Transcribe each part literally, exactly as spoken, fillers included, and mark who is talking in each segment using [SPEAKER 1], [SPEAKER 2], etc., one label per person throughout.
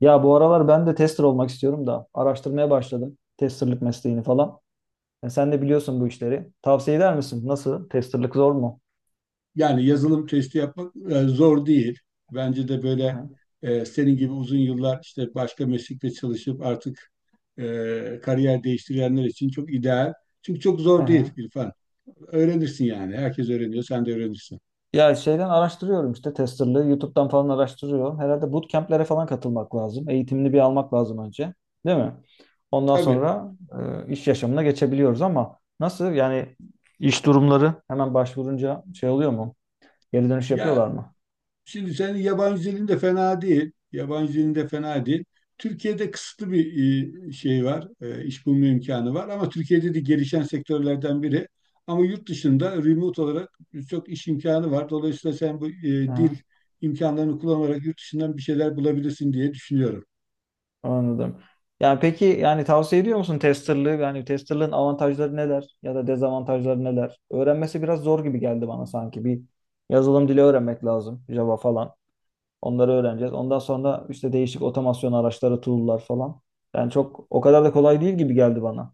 [SPEAKER 1] Ya bu aralar ben de tester olmak istiyorum da araştırmaya başladım testerlık mesleğini falan. E, sen de biliyorsun bu işleri. Tavsiye eder misin? Nasıl? Testerlık zor mu?
[SPEAKER 2] Yani yazılım testi yapmak e, zor değil. Bence de
[SPEAKER 1] Hı
[SPEAKER 2] böyle
[SPEAKER 1] hı.
[SPEAKER 2] e, senin gibi uzun yıllar işte başka meslekte çalışıp artık e, kariyer değiştirenler için çok ideal. Çünkü çok
[SPEAKER 1] Hı
[SPEAKER 2] zor değil,
[SPEAKER 1] hı.
[SPEAKER 2] İrfan. Öğrenirsin yani. Herkes öğreniyor. Sen de öğrenirsin.
[SPEAKER 1] Ya şeyden araştırıyorum işte testerlığı. YouTube'dan falan araştırıyorum. Herhalde bootcamp'lere falan katılmak lazım. Eğitimini bir almak lazım önce. Değil mi? Ondan
[SPEAKER 2] Tabii.
[SPEAKER 1] sonra e, iş yaşamına geçebiliyoruz ama nasıl? Yani iş durumları hemen başvurunca şey oluyor mu? Geri dönüş
[SPEAKER 2] Ya
[SPEAKER 1] yapıyorlar mı?
[SPEAKER 2] Şimdi senin yabancı dilin de fena değil. Yabancı dilin de fena değil. Türkiye'de kısıtlı bir e, şey var. e, iş bulma imkanı var. Ama Türkiye'de de gelişen sektörlerden biri. Ama yurt dışında remote olarak çok iş imkanı var. Dolayısıyla sen bu e, dil
[SPEAKER 1] Hı.
[SPEAKER 2] imkanlarını kullanarak yurt dışından bir şeyler bulabilirsin diye düşünüyorum.
[SPEAKER 1] Anladım. Yani peki yani tavsiye ediyor musun testerlığı? Yani testerlığın avantajları neler ya da dezavantajları neler? Öğrenmesi biraz zor gibi geldi bana sanki. Bir yazılım dili öğrenmek lazım. Java falan. Onları öğreneceğiz. Ondan sonra işte değişik otomasyon araçları, tool'lar falan. Yani çok o kadar da kolay değil gibi geldi bana.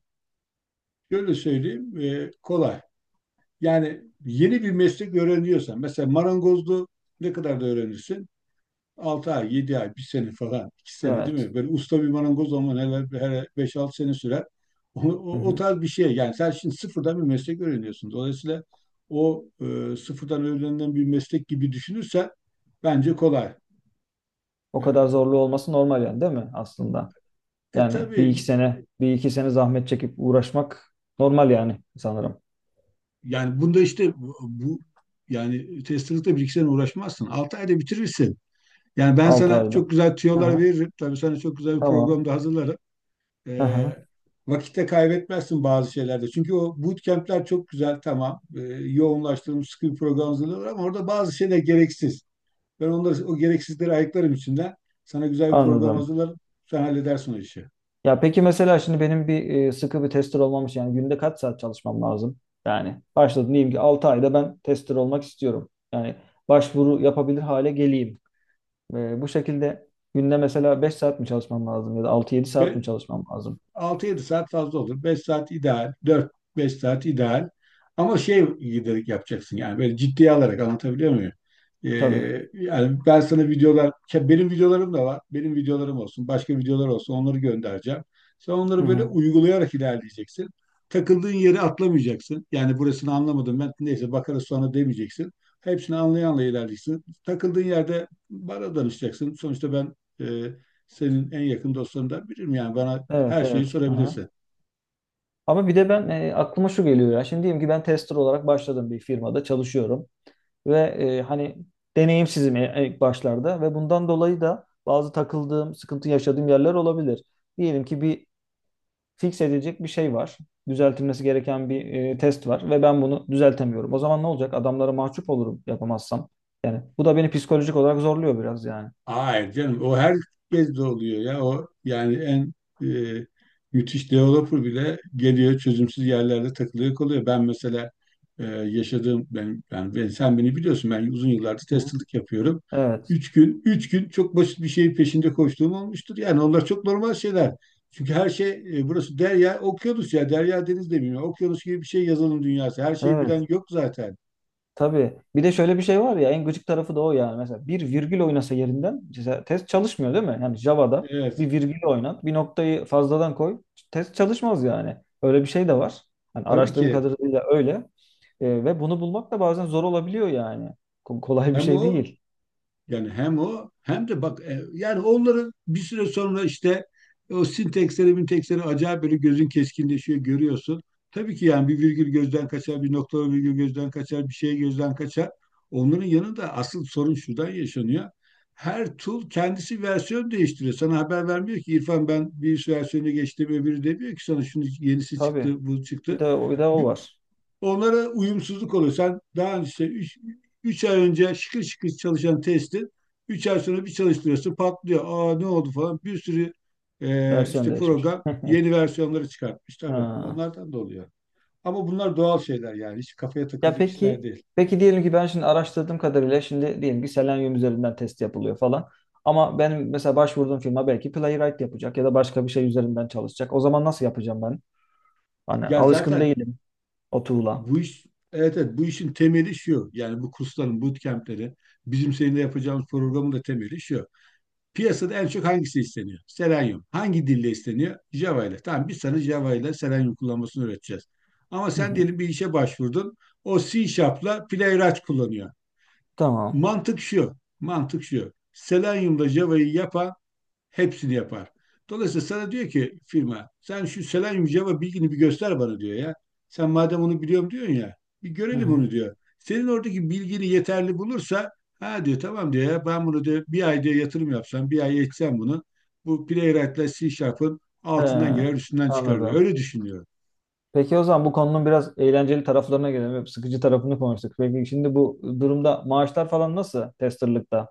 [SPEAKER 2] Şöyle söyleyeyim, e, kolay. Yani yeni bir meslek öğreniyorsan, mesela marangozluğu ne kadar da öğrenirsin? Altı ay, yedi ay, bir sene falan, iki sene, değil
[SPEAKER 1] Evet.
[SPEAKER 2] mi? Böyle usta bir marangoz ama neler her beş altı sene sürer. O,
[SPEAKER 1] Hı
[SPEAKER 2] o, o
[SPEAKER 1] hı.
[SPEAKER 2] tarz bir şey. Yani sen şimdi sıfırdan bir meslek öğreniyorsun. Dolayısıyla o e, sıfırdan öğrenilen bir meslek gibi düşünürsen bence kolay.
[SPEAKER 1] O kadar
[SPEAKER 2] E,
[SPEAKER 1] zorlu olması normal yani değil mi aslında?
[SPEAKER 2] e
[SPEAKER 1] Yani bir iki
[SPEAKER 2] tabii
[SPEAKER 1] sene, bir iki sene zahmet çekip uğraşmak normal yani sanırım.
[SPEAKER 2] yani bunda işte bu, bu- yani testelikle bir iki sene uğraşmazsın. Altı ayda bitirirsin. Yani ben
[SPEAKER 1] altı
[SPEAKER 2] sana
[SPEAKER 1] ayda.
[SPEAKER 2] çok güzel tüyolar
[SPEAKER 1] Aha,
[SPEAKER 2] veririm. Tabii sana çok güzel bir
[SPEAKER 1] tamam.
[SPEAKER 2] program da hazırlarım. E,
[SPEAKER 1] Aha.
[SPEAKER 2] Vakitte kaybetmezsin bazı şeylerde. Çünkü o bootcamp'ler çok güzel, tamam. E, yoğunlaştırılmış sıkı bir program hazırlıyorlar ama orada bazı şeyler gereksiz. Ben onları o gereksizleri ayıklarım içinden. Sana güzel bir program
[SPEAKER 1] Anladım.
[SPEAKER 2] hazırlarım. Sen halledersin o işi.
[SPEAKER 1] Ya peki mesela şimdi benim bir e, sıkı bir tester olmam için yani günde kaç saat çalışmam lazım? Yani başladım diyeyim ki altı ayda ben tester olmak istiyorum. Yani başvuru yapabilir hale geleyim. E, bu şekilde günde mesela beş saat mi çalışmam lazım ya da altı yedi saat mi
[SPEAKER 2] Be-
[SPEAKER 1] çalışmam lazım?
[SPEAKER 2] Altı yedi saat fazla olur. Beş saat ideal. Dört beş saat ideal. Ama şey giderek yapacaksın yani, böyle ciddiye alarak, anlatabiliyor muyum? Ee,
[SPEAKER 1] Tabii.
[SPEAKER 2] Yani ben sana videolar, ke- benim videolarım da var. Benim videolarım olsun, başka videolar olsun, onları göndereceğim. Sen
[SPEAKER 1] Hı
[SPEAKER 2] onları böyle
[SPEAKER 1] hı.
[SPEAKER 2] uygulayarak ilerleyeceksin. Takıldığın yeri atlamayacaksın. Yani burasını anlamadım ben, neyse bakarız sonra, demeyeceksin. Hepsini anlayanla ilerleyeceksin. Takıldığın yerde bana danışacaksın. Sonuçta ben e, senin en yakın dostlarından biriyim. Yani bana
[SPEAKER 1] Evet,
[SPEAKER 2] her şeyi
[SPEAKER 1] evet. Hı hı.
[SPEAKER 2] sorabilirsin.
[SPEAKER 1] Ama bir de ben e, aklıma şu geliyor ya. Şimdi diyelim ki ben tester olarak başladım bir firmada çalışıyorum. Ve e, hani deneyimsizim e- ilk başlarda ve bundan dolayı da bazı takıldığım, sıkıntı yaşadığım yerler olabilir. Diyelim ki bir fix edilecek bir şey var. Düzeltilmesi gereken bir e, test var ve ben bunu düzeltemiyorum. O zaman ne olacak? Adamlara mahcup olurum yapamazsam. Yani bu da beni psikolojik olarak zorluyor biraz yani.
[SPEAKER 2] Hayır canım, o herkes de oluyor ya. O yani en e, müthiş developer bile geliyor, çözümsüz yerlerde takılıyor kalıyor. Ben mesela e, yaşadığım ben, ben, ben sen beni biliyorsun, ben uzun yıllardır
[SPEAKER 1] Hı hı.
[SPEAKER 2] testerlık yapıyorum.
[SPEAKER 1] Evet.
[SPEAKER 2] Üç gün, üç gün çok basit bir şeyin peşinde koştuğum olmuştur. Yani onlar çok normal şeyler. Çünkü her şey, e, burası derya, okyanus ya. Derya deniz demiyor. Okyanus gibi bir şey yazılım dünyası. Her şeyi
[SPEAKER 1] Evet.
[SPEAKER 2] bilen yok zaten.
[SPEAKER 1] Tabii. Bir de şöyle bir şey var ya, en gıcık tarafı da o yani. Mesela bir virgül oynasa yerinden mesela test çalışmıyor değil mi? Yani Java'da
[SPEAKER 2] Evet.
[SPEAKER 1] bir virgül oynat, bir noktayı fazladan koy, test çalışmaz yani. Öyle bir şey de var. Hani
[SPEAKER 2] Tabii
[SPEAKER 1] araştırdığım
[SPEAKER 2] ki,
[SPEAKER 1] kadarıyla öyle. E, ve bunu bulmak da bazen zor olabiliyor yani. Ko- Kolay bir
[SPEAKER 2] hem
[SPEAKER 1] şey
[SPEAKER 2] o
[SPEAKER 1] değil.
[SPEAKER 2] yani hem o hem de bak, e, yani onların bir süre sonra işte o sinteksleri minteksleri acayip böyle gözün keskinleşiyor, görüyorsun. Tabii ki yani bir virgül gözden kaçar, bir nokta virgül gözden kaçar, bir şey gözden kaçar. Onların yanında asıl sorun şuradan yaşanıyor. Her tool kendisi versiyon değiştiriyor. Sana haber vermiyor ki, İrfan, ben bir versiyonu geçtim öbürü demiyor ki sana, şunu yenisi
[SPEAKER 1] Tabii.
[SPEAKER 2] çıktı, bu
[SPEAKER 1] Bir
[SPEAKER 2] çıktı.
[SPEAKER 1] de bir de o var.
[SPEAKER 2] Onlara uyumsuzluk oluyor. Sen daha önce işte üç üç ay önce şıkır şıkır çalışan testi üç ay sonra bir çalıştırıyorsun, patlıyor. Aa ne oldu falan, bir sürü e,
[SPEAKER 1] Versiyon
[SPEAKER 2] işte
[SPEAKER 1] değişmiş.
[SPEAKER 2] program yeni versiyonları çıkartmış tabii.
[SPEAKER 1] Ha.
[SPEAKER 2] Onlardan da oluyor. Ama bunlar doğal şeyler yani, hiç kafaya
[SPEAKER 1] Ya
[SPEAKER 2] takılacak işler
[SPEAKER 1] peki,
[SPEAKER 2] değil.
[SPEAKER 1] peki diyelim ki ben şimdi araştırdığım kadarıyla şimdi diyelim ki Selenium üzerinden test yapılıyor falan. Ama benim mesela başvurduğum firma belki Playwright yapacak ya da başka bir şey üzerinden çalışacak. O zaman nasıl yapacağım ben? Hani
[SPEAKER 2] Ya
[SPEAKER 1] alışkın
[SPEAKER 2] zaten
[SPEAKER 1] değilim o tool'a.
[SPEAKER 2] bu iş, evet evet, bu işin temeli şu. Yani bu kursların bootcamp'leri, bizim seninle yapacağımız programın da temeli şu. Piyasada en çok hangisi isteniyor? Selenium. Hangi dille isteniyor? Java ile. Tamam, biz sana Java ile Selenium kullanmasını öğreteceğiz. Ama
[SPEAKER 1] Hı
[SPEAKER 2] sen
[SPEAKER 1] hı.
[SPEAKER 2] diyelim bir işe başvurdun. O C Sharp'la Playwright kullanıyor.
[SPEAKER 1] Tamam.
[SPEAKER 2] Mantık şu. Mantık şu. Selenium'da Java'yı yapan hepsini yapar. Dolayısıyla sana diyor ki firma, sen şu selenyum Java bilgini bir göster bana diyor ya. Sen madem onu biliyorum diyorsun ya, bir
[SPEAKER 1] Hı
[SPEAKER 2] görelim
[SPEAKER 1] hı.
[SPEAKER 2] onu diyor. Senin oradaki bilgini yeterli bulursa ha diyor, tamam diyor ya, ben bunu diyor bir ay diyor yatırım yapsam, bir ay eğitsem bunu, bu Playwright'la C Sharp'ın
[SPEAKER 1] He,
[SPEAKER 2] altından girer üstünden çıkar diyor.
[SPEAKER 1] anladım.
[SPEAKER 2] Öyle düşünüyorum.
[SPEAKER 1] Peki o zaman bu konunun biraz eğlenceli taraflarına gelelim. Hep sıkıcı tarafını konuştuk. Peki şimdi bu durumda maaşlar falan nasıl testerlıkta?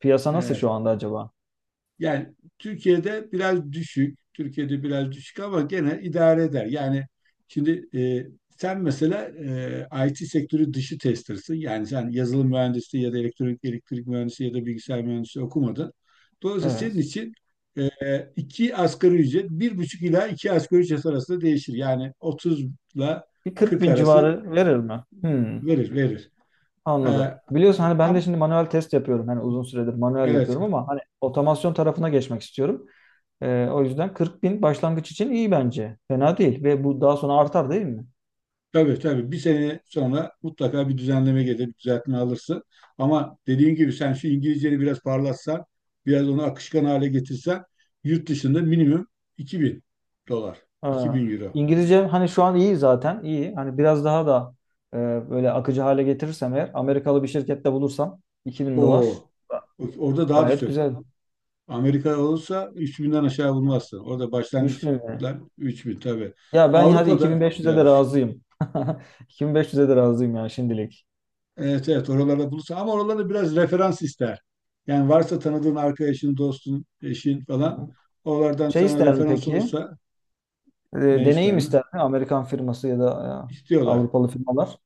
[SPEAKER 1] Piyasa nasıl şu
[SPEAKER 2] Evet.
[SPEAKER 1] anda acaba?
[SPEAKER 2] Yani Türkiye'de biraz düşük. Türkiye'de biraz düşük ama gene idare eder. Yani şimdi e, sen mesela e, I T sektörü dışı tester'sın. Yani sen yazılım mühendisi ya da elektronik elektrik mühendisi ya da bilgisayar mühendisi okumadın. Dolayısıyla senin
[SPEAKER 1] Evet.
[SPEAKER 2] için e, iki asgari ücret, bir buçuk ila iki asgari ücret arasında değişir. Yani otuz ile
[SPEAKER 1] Bir kırk
[SPEAKER 2] kırk
[SPEAKER 1] bin
[SPEAKER 2] arası,
[SPEAKER 1] civarı verir mi? Hmm,
[SPEAKER 2] verir verir.
[SPEAKER 1] anladım.
[SPEAKER 2] E,
[SPEAKER 1] Biliyorsun hani ben de
[SPEAKER 2] am,
[SPEAKER 1] şimdi manuel test yapıyorum. Hani uzun süredir manuel
[SPEAKER 2] evet.
[SPEAKER 1] yapıyorum ama hani otomasyon tarafına geçmek istiyorum. Ee, o yüzden kırk bin başlangıç için iyi bence. Fena değil ve bu daha sonra artar değil mi?
[SPEAKER 2] Tabii tabii, bir sene sonra mutlaka bir düzenleme gelir, bir düzeltme alırsın. Ama dediğim gibi sen şu İngilizceni biraz parlatsan, biraz onu akışkan hale getirsen yurt dışında minimum iki bin dolar,
[SPEAKER 1] Ha,
[SPEAKER 2] iki bin euro.
[SPEAKER 1] İngilizcem hani şu an iyi, zaten iyi. Hani biraz daha da e, böyle akıcı hale getirirsem eğer Amerikalı bir şirkette bulursam iki bin dolar
[SPEAKER 2] Oo, orada daha da
[SPEAKER 1] gayet
[SPEAKER 2] çok.
[SPEAKER 1] güzel.
[SPEAKER 2] Amerika olursa üç binden aşağı bulmazsın. Orada
[SPEAKER 1] üç bin mi?
[SPEAKER 2] başlangıçlar üç bin, tabii.
[SPEAKER 1] Ya ben hadi
[SPEAKER 2] Avrupa'da
[SPEAKER 1] iki bin beş yüze de
[SPEAKER 2] biraz,
[SPEAKER 1] razıyım. iki bin beş yüze de razıyım yani şimdilik.
[SPEAKER 2] evet evet, oralarda bulursa ama oralarda biraz referans ister. Yani varsa tanıdığın arkadaşın, dostun, eşin
[SPEAKER 1] Hı
[SPEAKER 2] falan
[SPEAKER 1] hı.
[SPEAKER 2] oralardan
[SPEAKER 1] Şey
[SPEAKER 2] sana
[SPEAKER 1] ister mi
[SPEAKER 2] referans
[SPEAKER 1] peki?
[SPEAKER 2] olursa,
[SPEAKER 1] E,
[SPEAKER 2] ne ister
[SPEAKER 1] Deneyim
[SPEAKER 2] mi?
[SPEAKER 1] ister mi? Amerikan firması ya da e,
[SPEAKER 2] İstiyorlar,
[SPEAKER 1] Avrupalı firmalar.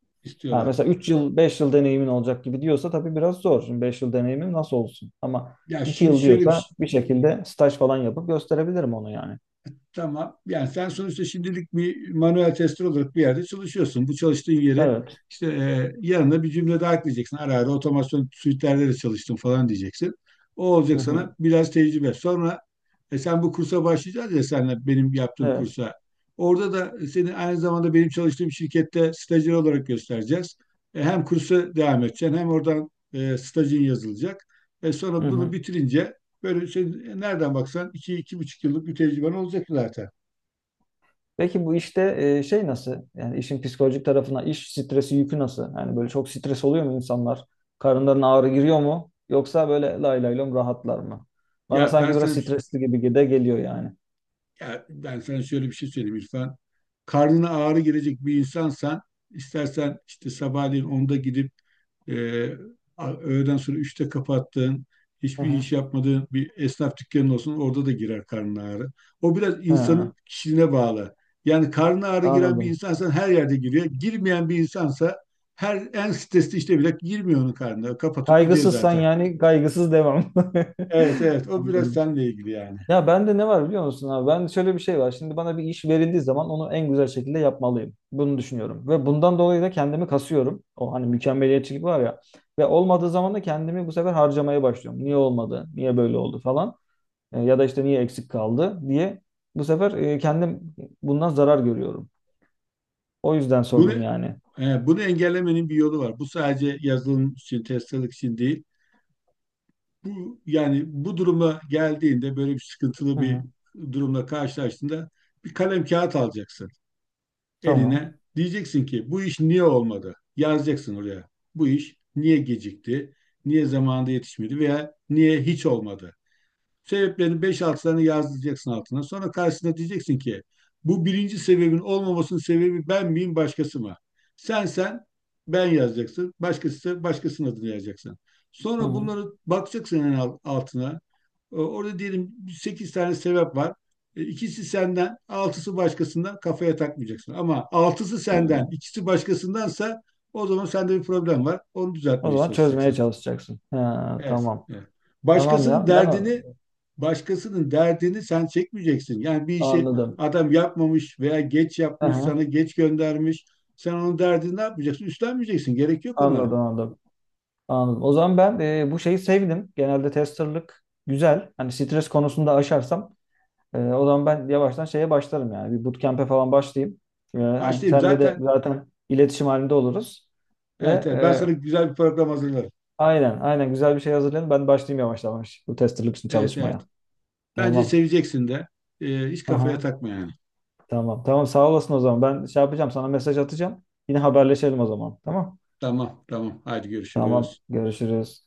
[SPEAKER 1] Ha,
[SPEAKER 2] istiyorlar.
[SPEAKER 1] mesela üç yıl, beş yıl deneyimin olacak gibi diyorsa tabii biraz zor. Şimdi beş yıl deneyimim nasıl olsun? Ama
[SPEAKER 2] Ya
[SPEAKER 1] iki
[SPEAKER 2] şimdi
[SPEAKER 1] yıl
[SPEAKER 2] şöyle bir
[SPEAKER 1] diyorsa
[SPEAKER 2] şey,
[SPEAKER 1] bir şekilde staj falan yapıp gösterebilirim onu yani.
[SPEAKER 2] tamam. Yani sen sonuçta şimdilik bir manuel tester olarak bir yerde çalışıyorsun. Bu çalıştığın yere
[SPEAKER 1] Evet.
[SPEAKER 2] işte, e, yanına bir cümle daha ekleyeceksin. Ara ara otomasyon suite'lerde de çalıştım falan diyeceksin. O
[SPEAKER 1] Hı
[SPEAKER 2] olacak sana
[SPEAKER 1] hı.
[SPEAKER 2] biraz tecrübe. Sonra e, sen bu kursa başlayacağız ya, senle benim yaptığım
[SPEAKER 1] Evet.
[SPEAKER 2] kursa. Orada da seni aynı zamanda benim çalıştığım şirkette stajyer olarak göstereceğiz. E, hem kursa devam edeceksin hem oradan e, stajın yazılacak. E,
[SPEAKER 1] Hı
[SPEAKER 2] sonra bunu
[SPEAKER 1] hı.
[SPEAKER 2] bitirince böyle şey, nereden baksan iki, iki buçuk yıllık bir tecrüben olacak zaten.
[SPEAKER 1] Peki bu işte e, şey nasıl? Yani işin psikolojik tarafına iş stresi yükü nasıl? Yani böyle çok stres oluyor mu insanlar? Karınlarına ağrı giriyor mu? Yoksa böyle lay lay lom rahatlar mı? Bana
[SPEAKER 2] Ya ben
[SPEAKER 1] sanki biraz
[SPEAKER 2] sana
[SPEAKER 1] stresli gibi de geliyor yani.
[SPEAKER 2] ya ben sana şöyle bir şey söyleyeyim, İrfan. Karnına ağrı gelecek bir insansan, istersen işte sabahleyin onda gidip e, a- öğleden sonra üçte kapattığın,
[SPEAKER 1] Hı
[SPEAKER 2] hiçbir
[SPEAKER 1] hı.
[SPEAKER 2] iş yapmadığın bir esnaf dükkanın olsun, orada da girer karnın ağrı. O biraz insanın
[SPEAKER 1] Hı,
[SPEAKER 2] kişiliğine bağlı. Yani karnına ağrı giren bir
[SPEAKER 1] anladım.
[SPEAKER 2] insansan her yerde giriyor. Girmeyen bir insansa her en stresli işte bile girmiyor onun karnına. Kapatıp gidiyor
[SPEAKER 1] Kaygısızsan
[SPEAKER 2] zaten.
[SPEAKER 1] yani kaygısız devam.
[SPEAKER 2] Evet evet, o biraz
[SPEAKER 1] Anladım.
[SPEAKER 2] seninle ilgili yani.
[SPEAKER 1] Ya bende ne var biliyor musun abi? Ben şöyle, bir şey var. Şimdi bana bir iş verildiği zaman onu en güzel şekilde yapmalıyım. Bunu düşünüyorum. Ve bundan dolayı da kendimi kasıyorum. O hani mükemmeliyetçilik var ya. Ve olmadığı zaman da kendimi bu sefer harcamaya başlıyorum. Niye olmadı? Niye böyle oldu falan. E, ya da işte niye eksik kaldı diye. Bu sefer e, kendim bundan zarar görüyorum. O yüzden
[SPEAKER 2] Bunu
[SPEAKER 1] sordum yani.
[SPEAKER 2] e, bunu engellemenin bir yolu var. Bu sadece yazılım için, testçilik için değil. Bu yani bu duruma geldiğinde, böyle bir sıkıntılı
[SPEAKER 1] Hı
[SPEAKER 2] bir
[SPEAKER 1] hı.
[SPEAKER 2] durumla karşılaştığında bir kalem kağıt alacaksın
[SPEAKER 1] Tamam.
[SPEAKER 2] eline. Diyeceksin ki, bu iş niye olmadı? Yazacaksın oraya. Bu iş niye gecikti? Niye zamanında yetişmedi veya niye hiç olmadı? Sebeplerini beş altı tane yazdıracaksın altına. Sonra karşısına diyeceksin ki, bu birinci sebebin olmamasının sebebi ben miyim, başkası mı? Sen sen ben yazacaksın. Başkası, başkasının adını yazacaksın.
[SPEAKER 1] Hı
[SPEAKER 2] Sonra
[SPEAKER 1] hı.
[SPEAKER 2] bunları bakacaksın en altına. E, Orada diyelim sekiz tane sebep var. E, İkisi senden, altısı başkasından, kafaya takmayacaksın. Ama altısı
[SPEAKER 1] Hı
[SPEAKER 2] senden,
[SPEAKER 1] hı.
[SPEAKER 2] ikisi başkasındansa o zaman sende bir problem var. Onu
[SPEAKER 1] O
[SPEAKER 2] düzeltmeye
[SPEAKER 1] zaman çözmeye
[SPEAKER 2] çalışacaksın.
[SPEAKER 1] çalışacaksın. Ha,
[SPEAKER 2] Evet.
[SPEAKER 1] tamam.
[SPEAKER 2] Evet.
[SPEAKER 1] Tamam
[SPEAKER 2] Başkasının
[SPEAKER 1] ya. Ben o-
[SPEAKER 2] derdini başkasının derdini sen çekmeyeceksin. Yani bir işi
[SPEAKER 1] anladım.
[SPEAKER 2] adam yapmamış veya geç yapmış,
[SPEAKER 1] Aha,
[SPEAKER 2] sana geç göndermiş. Sen onun derdini ne yapacaksın? Üstlenmeyeceksin. Gerek yok ona.
[SPEAKER 1] anladım, anladım. Anladım. O zaman ben e, bu şeyi sevdim. Genelde testerlık güzel. Hani stres konusunda aşarsam e, o zaman ben yavaştan şeye başlarım yani. Bir bootcamp'e falan başlayayım. E, hani
[SPEAKER 2] Başlayayım
[SPEAKER 1] senle de
[SPEAKER 2] zaten.
[SPEAKER 1] zaten iletişim halinde oluruz. Ve
[SPEAKER 2] Evet, evet. Ben
[SPEAKER 1] e,
[SPEAKER 2] sana güzel bir program hazırlarım.
[SPEAKER 1] aynen, aynen güzel bir şey hazırlayın. Ben başlayayım yavaş yavaş bu testerlık için
[SPEAKER 2] Evet, evet.
[SPEAKER 1] çalışmaya.
[SPEAKER 2] Bence
[SPEAKER 1] Tamam.
[SPEAKER 2] seveceksin de. Ee, hiç kafaya
[SPEAKER 1] Aha,
[SPEAKER 2] takma yani.
[SPEAKER 1] tamam. Tamam, sağ olasın o zaman. Ben şey yapacağım, sana mesaj atacağım. Yine haberleşelim o zaman. Tamam.
[SPEAKER 2] Tamam, tamam. Haydi
[SPEAKER 1] Tamam.
[SPEAKER 2] görüşürüz.
[SPEAKER 1] Görüşürüz.